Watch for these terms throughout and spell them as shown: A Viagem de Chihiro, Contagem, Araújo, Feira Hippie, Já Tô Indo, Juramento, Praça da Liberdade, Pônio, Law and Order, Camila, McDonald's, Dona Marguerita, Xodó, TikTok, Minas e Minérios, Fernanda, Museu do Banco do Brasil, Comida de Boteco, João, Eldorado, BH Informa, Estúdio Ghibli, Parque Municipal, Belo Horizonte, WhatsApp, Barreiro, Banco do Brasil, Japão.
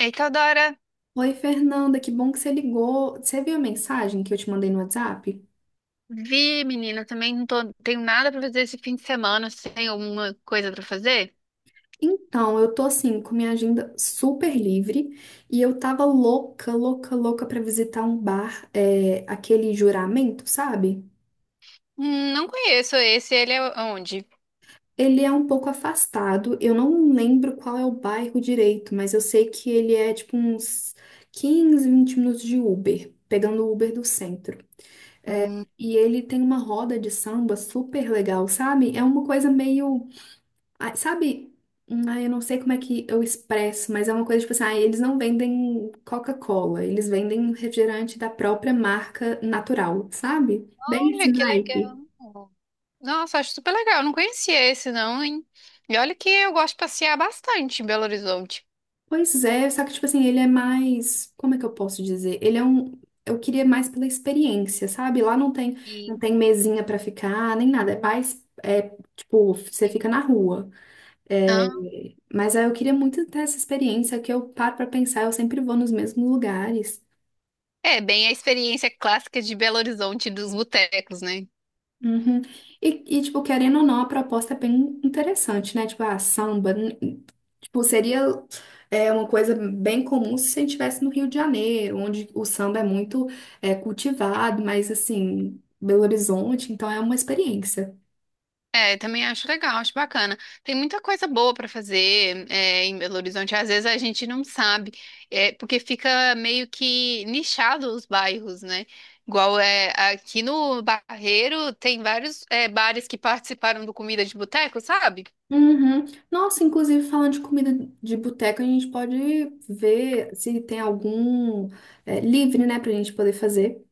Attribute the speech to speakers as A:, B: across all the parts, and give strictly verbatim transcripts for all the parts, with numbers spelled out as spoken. A: Eita, Dora,
B: Oi, Fernanda, que bom que você ligou. Você viu a mensagem que eu te mandei no WhatsApp?
A: vi, menina, também não tô, tenho nada pra fazer esse fim de semana. Você tem alguma coisa pra fazer?
B: Então, eu tô assim, com minha agenda super livre e eu tava louca, louca, louca pra visitar um bar, é, aquele Juramento, sabe?
A: Hum, Não conheço esse, ele é onde?
B: Ele é um pouco afastado, eu não lembro qual é o bairro direito, mas eu sei que ele é tipo uns quinze, vinte minutos de Uber, pegando o Uber do centro.
A: Hum.
B: E ele tem uma roda de samba super legal, sabe? É uma coisa meio, ah, sabe? Hum, Ah, eu não sei como é que eu expresso, mas é uma coisa tipo assim, ah, eles não vendem Coca-Cola, eles vendem refrigerante da própria marca natural, sabe? Bem
A: Olha,
B: esse
A: que
B: naipe.
A: legal. Nossa, acho super legal. Não conhecia esse, não, hein? E olha que eu gosto de passear bastante em Belo Horizonte.
B: Pois é, só que tipo assim, ele é mais, como é que eu posso dizer? Ele é um, eu queria mais pela experiência, sabe? Lá não tem, não
A: e-
B: tem mesinha pra ficar, nem nada, é mais, é, tipo, você fica na rua. É,
A: ah,
B: mas aí eu queria muito ter essa experiência que eu paro pra pensar, eu sempre vou nos mesmos lugares.
A: É bem a experiência clássica de Belo Horizonte dos botecos, né?
B: Uhum. E, e, tipo, querendo ou não, a proposta é bem interessante, né? Tipo, a samba, n- tipo, seria é, uma coisa bem comum se a gente estivesse no Rio de Janeiro, onde o samba é muito é, cultivado, mas, assim, Belo Horizonte, então é uma experiência.
A: É, também acho legal, acho bacana. Tem muita coisa boa para fazer, é, em Belo Horizonte. Às vezes a gente não sabe, é, porque fica meio que nichado os bairros, né? Igual é, aqui no Barreiro tem vários, é, bares que participaram do Comida de Boteco, sabe?
B: Uhum. Nossa, inclusive, falando de comida de boteca, a gente pode ver se tem algum é, livre, né, pra gente poder fazer.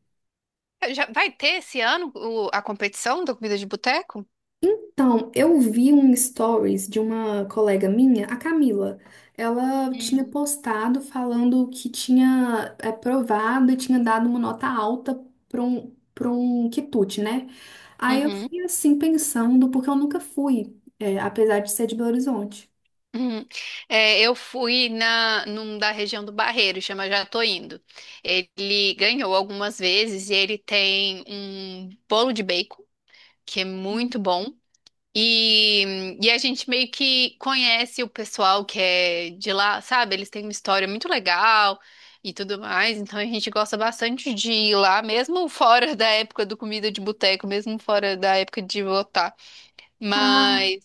A: Já vai ter esse ano o- a competição do Comida de Boteco?
B: Então, eu vi um stories de uma colega minha, a Camila. Ela tinha
A: Uhum.
B: postado falando que tinha é, provado e tinha dado uma nota alta para um, para um quitute, né? Aí eu
A: Uhum.
B: fiquei assim pensando, porque eu nunca fui, é, apesar de ser de Belo Horizonte.
A: Uhum. É, eu fui na, num da região do Barreiro, chama Já Tô Indo. Ele ganhou algumas vezes e ele tem um bolo de bacon, que é muito bom. E, e a gente meio que conhece o pessoal que é de lá, sabe? Eles têm uma história muito legal e tudo mais. Então a gente gosta bastante de ir lá, mesmo fora da época do comida de boteco, mesmo fora da época de votar.
B: Ah,
A: Mas.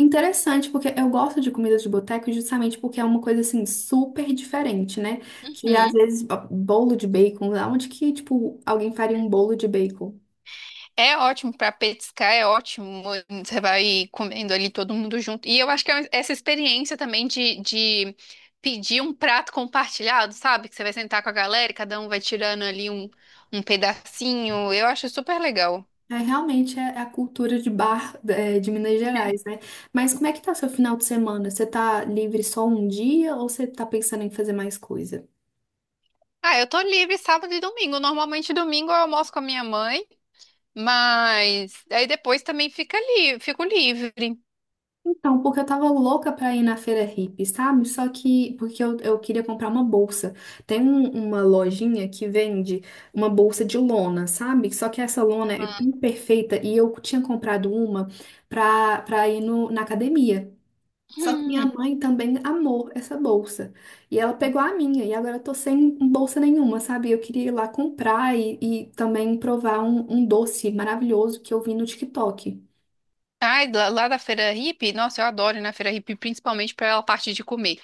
B: interessante, porque eu gosto de comida de boteco justamente porque é uma coisa assim super diferente, né? Que às
A: Uhum.
B: vezes ó, bolo de bacon, aonde que tipo alguém faria um bolo de bacon?
A: É ótimo para petiscar, é ótimo. Você vai comendo ali todo mundo junto. E eu acho que é essa experiência também de, de pedir um prato compartilhado, sabe? Que você vai sentar com a galera e cada um vai tirando ali um, um pedacinho. Eu acho super legal.
B: É, realmente é a cultura de bar, é, de Minas Gerais, né? Mas como é que tá seu final de semana? Você tá livre só um dia ou você tá pensando em fazer mais coisa?
A: Ah, eu tô livre sábado e domingo. Normalmente domingo eu almoço com a minha mãe, mas aí depois também fica ali, fico livre.
B: Então, porque eu tava louca pra ir na feira hippie, sabe? Só que porque eu, eu queria comprar uma bolsa. Tem um- uma lojinha que vende uma bolsa de lona, sabe? Só que essa lona é
A: Aham.
B: imperfeita e eu tinha comprado uma pra, pra ir no, na academia. Só que minha
A: Hum.
B: mãe também amou essa bolsa. E ela pegou a minha, e agora eu tô sem bolsa nenhuma, sabe? Eu queria ir lá comprar e, e também provar um, um doce maravilhoso que eu vi no TikTok.
A: Ai, lá, lá da Feira Hippie, nossa, eu adoro ir na Feira Hippie, principalmente pela parte de comer.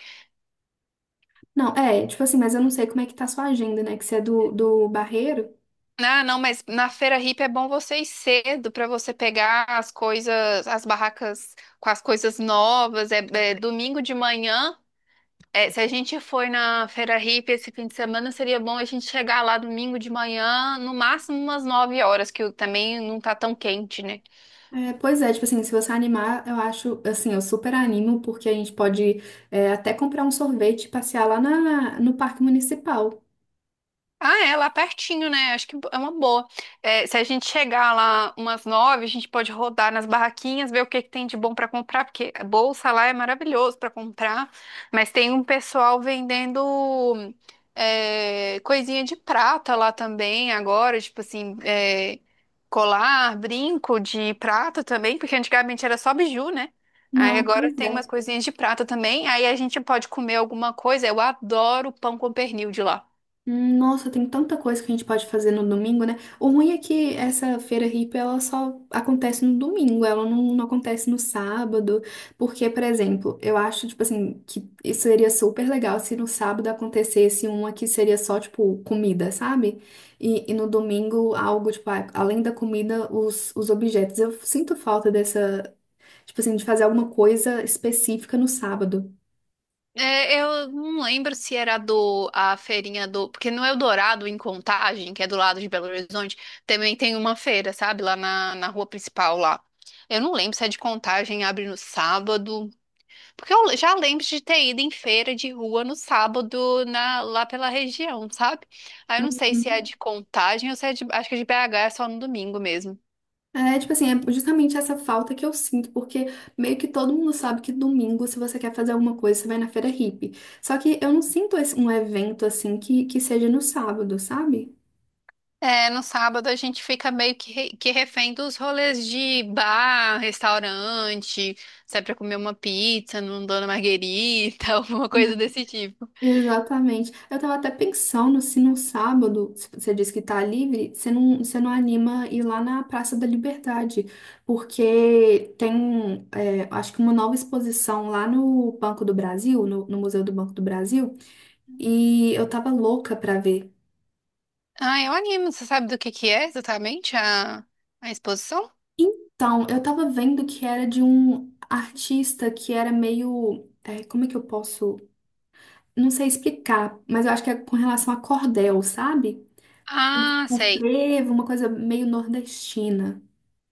B: Não, é, tipo assim, mas eu não sei como é que tá a sua agenda, né? Que você é do, do Barreiro.
A: Ah, não, mas na feira hippie é bom você ir cedo para você pegar as coisas, as barracas com as coisas novas. É, é domingo de manhã. É, se a gente for na feira hippie esse fim de semana, seria bom a gente chegar lá domingo de manhã, no máximo umas nove horas, que o- também não tá tão quente, né?
B: É, pois é, tipo assim, se você animar, eu acho, assim, eu super animo, porque a gente pode é, até comprar um sorvete e passear lá na, no Parque Municipal.
A: Ah, é, lá pertinho, né? Acho que é uma boa. É, se a gente chegar lá umas nove, a gente pode rodar nas barraquinhas, ver o que que tem de bom para comprar, porque a bolsa lá é maravilhoso para comprar, mas tem um pessoal vendendo é, coisinha de prata lá também agora, tipo assim, é, colar, brinco de prata também, porque antigamente era só biju, né? Aí
B: Não,
A: agora
B: pois
A: tem umas
B: é.
A: coisinhas de prata também, aí a gente pode comer alguma coisa. Eu adoro pão com pernil de lá.
B: Hum, Nossa, tem tanta coisa que a gente pode fazer no domingo, né? O ruim é que essa feira hippie, ela só acontece no domingo, ela não, não, acontece no sábado, porque, por exemplo, eu acho, tipo assim, que isso seria super legal se no sábado acontecesse uma que seria só, tipo, comida, sabe? E, e no domingo, algo, tipo, a- além da comida, os, os objetos. Eu sinto falta dessa, tipo assim, de fazer alguma coisa específica no sábado.
A: É, eu não lembro se era do a feirinha do, porque no Eldorado em Contagem, que é do lado de Belo Horizonte, também tem uma feira, sabe, lá na, na rua principal lá. Eu não lembro se é de Contagem, abre no sábado, porque eu já lembro de ter ido em feira de rua no sábado na, lá pela região, sabe? Aí eu não sei se é
B: Uhum.
A: de Contagem ou se é de, acho que é de B H, é só no domingo mesmo.
B: É, tipo assim, é justamente essa falta que eu sinto, porque meio que todo mundo sabe que domingo, se você quer fazer alguma coisa, você vai na feira hippie. Só que eu não sinto esse- um evento assim que, que seja no sábado, sabe?
A: É, no sábado a gente fica meio que, re- que refém dos rolês de bar, restaurante, sai pra comer uma pizza num Dona Marguerita, alguma
B: Hum.
A: coisa desse tipo.
B: Exatamente. Eu tava até pensando se no sábado, se você disse que tá livre, você não, você não anima ir lá na Praça da Liberdade, porque tem, é, acho que uma nova exposição lá no Banco do Brasil, no no Museu do Banco do Brasil. E eu tava louca pra ver.
A: Ah, eu animo. Você sabe do que que é exatamente a, a exposição?
B: Então, eu tava vendo que era de um artista que era meio, é, como é que eu posso. Não sei explicar, mas eu acho que é com relação a cordel, sabe?
A: Ah,
B: Um
A: sei.
B: frevo, uma coisa meio nordestina.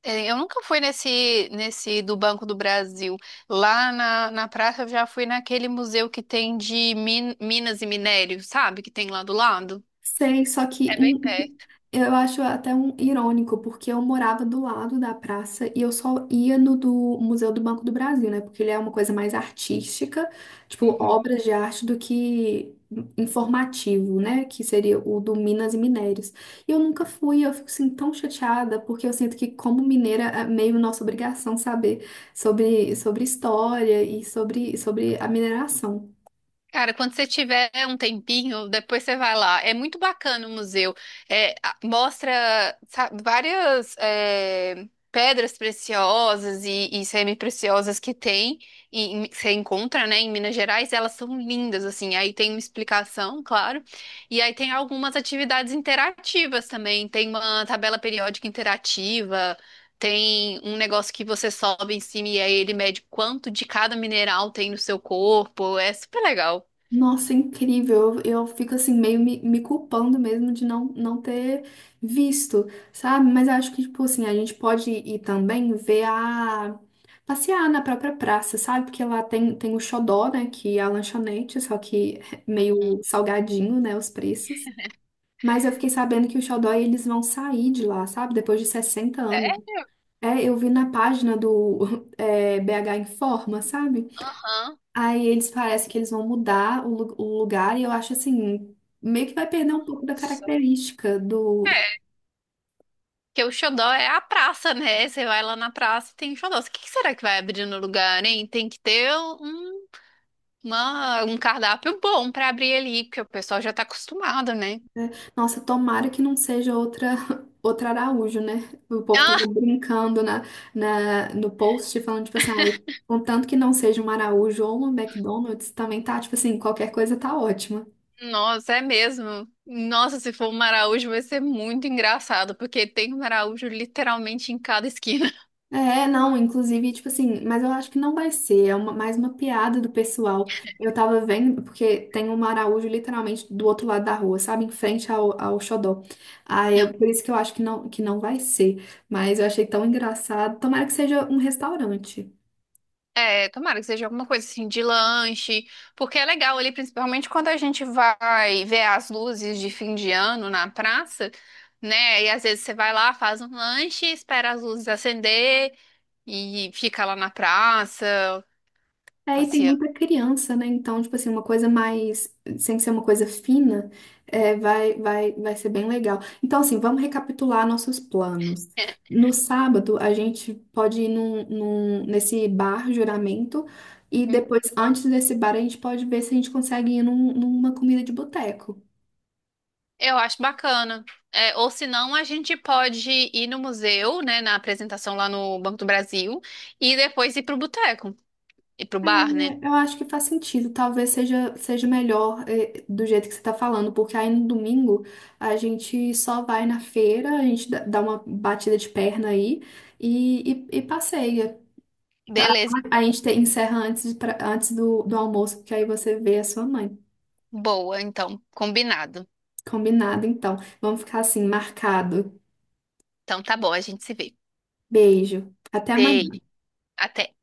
A: É, eu nunca fui nesse, nesse do Banco do Brasil. Lá na, na praça eu já fui naquele museu que tem de min- minas e minério, sabe? Que tem lá do lado.
B: Sei, só que
A: É bem perto.
B: eu acho até um irônico, porque eu morava do lado da praça e eu só ia no do Museu do Banco do Brasil, né? Porque ele é uma coisa mais artística, tipo
A: Uhum.
B: obras de arte do que informativo, né? Que seria o do Minas e Minérios. E eu nunca fui, eu fico assim tão chateada, porque eu sinto que como mineira é meio nossa obrigação saber sobre, sobre história e sobre, sobre a mineração.
A: Cara, quando você tiver um tempinho, depois você vai lá. É muito bacana o museu. É, a- mostra, sabe, várias é, pedras preciosas e, e semi-preciosas que tem, e, e que você encontra, né, em Minas Gerais. Elas são lindas, assim. Aí tem uma explicação, claro. E aí tem algumas atividades interativas também. Tem uma tabela periódica interativa. Tem um negócio que você sobe em cima e aí ele mede quanto de cada mineral tem no seu corpo. É super legal.
B: Nossa, incrível. Eu, eu fico assim, meio me, me culpando mesmo de não, não ter visto, sabe? Mas acho que, tipo assim, a gente pode ir também ver a. passear na própria praça, sabe? Porque lá tem, tem, o Xodó, né? Que é a lanchonete, só que é
A: Uhum.
B: meio salgadinho, né? Os preços. Mas eu fiquei sabendo que o Xodó eles vão sair de lá, sabe? Depois de sessenta anos.
A: Sério?
B: É, eu vi na página do é, B H Informa, sabe?
A: Aham.
B: Aí eles parecem que eles vão mudar o, lu- o lugar e eu acho assim, meio que vai perder um pouco da
A: Só.
B: característica do,
A: É. Porque o xodó é a praça, né? Você vai lá na praça e tem xodó. O que que será que vai abrir no lugar, hein? Tem que ter um, uma- um cardápio bom pra abrir ali, porque o pessoal já tá acostumado, né?
B: né? Nossa, tomara que não seja outra outra Araújo, né? O povo tava
A: Ah,
B: brincando na, na no post falando tipo assim, ai, contanto que não seja uma Araújo ou uma McDonald's, também tá tipo assim, qualquer coisa tá ótima.
A: nossa, é mesmo. Nossa, se for um maraújo vai ser muito engraçado, porque tem um maraújo literalmente em cada esquina.
B: É, não, inclusive, tipo assim, mas eu acho que não vai ser, é uma- mais uma piada do pessoal. Eu tava vendo, porque tem um Araújo literalmente do outro lado da rua, sabe? Em frente ao, ao Xodó. Aí, eu- por isso que eu acho que não, que não vai ser. Mas eu achei tão engraçado. Tomara que seja um restaurante.
A: É, tomara que seja alguma coisa assim de lanche, porque é legal ali, principalmente quando a gente vai ver as luzes de fim de ano na praça, né? E às vezes você vai lá, faz um lanche, espera as luzes acender e fica lá na praça,
B: É, e tem
A: passeando.
B: muita criança, né? Então, tipo assim, uma coisa mais, sem ser uma coisa fina, é, vai, vai, vai ser bem legal. Então, assim, vamos recapitular nossos planos.
A: É,
B: No sábado, a gente pode ir num, num- nesse bar Juramento, e
A: hum,
B: depois, antes desse bar, a gente pode ver se a gente consegue ir num- numa comida de boteco.
A: eu acho bacana. É, ou senão a gente pode ir no museu, né, na apresentação lá no Banco do Brasil, e depois ir pro boteco, ir pro bar, né?
B: É, eu acho que faz sentido. Talvez seja, seja melhor, eh, do jeito que você está falando, porque aí no domingo a gente só vai na feira, a gente dá dá uma batida de perna aí e, e, e passeia. Pra-
A: Beleza,
B: A
A: então.
B: gente te- encerra antes, de- pra- antes do, do almoço, porque aí você vê a sua mãe.
A: Boa, então, combinado.
B: Combinado, então. Vamos ficar assim, marcado.
A: Então tá bom, a gente se vê.
B: Beijo. Até amanhã.
A: Beijo, até.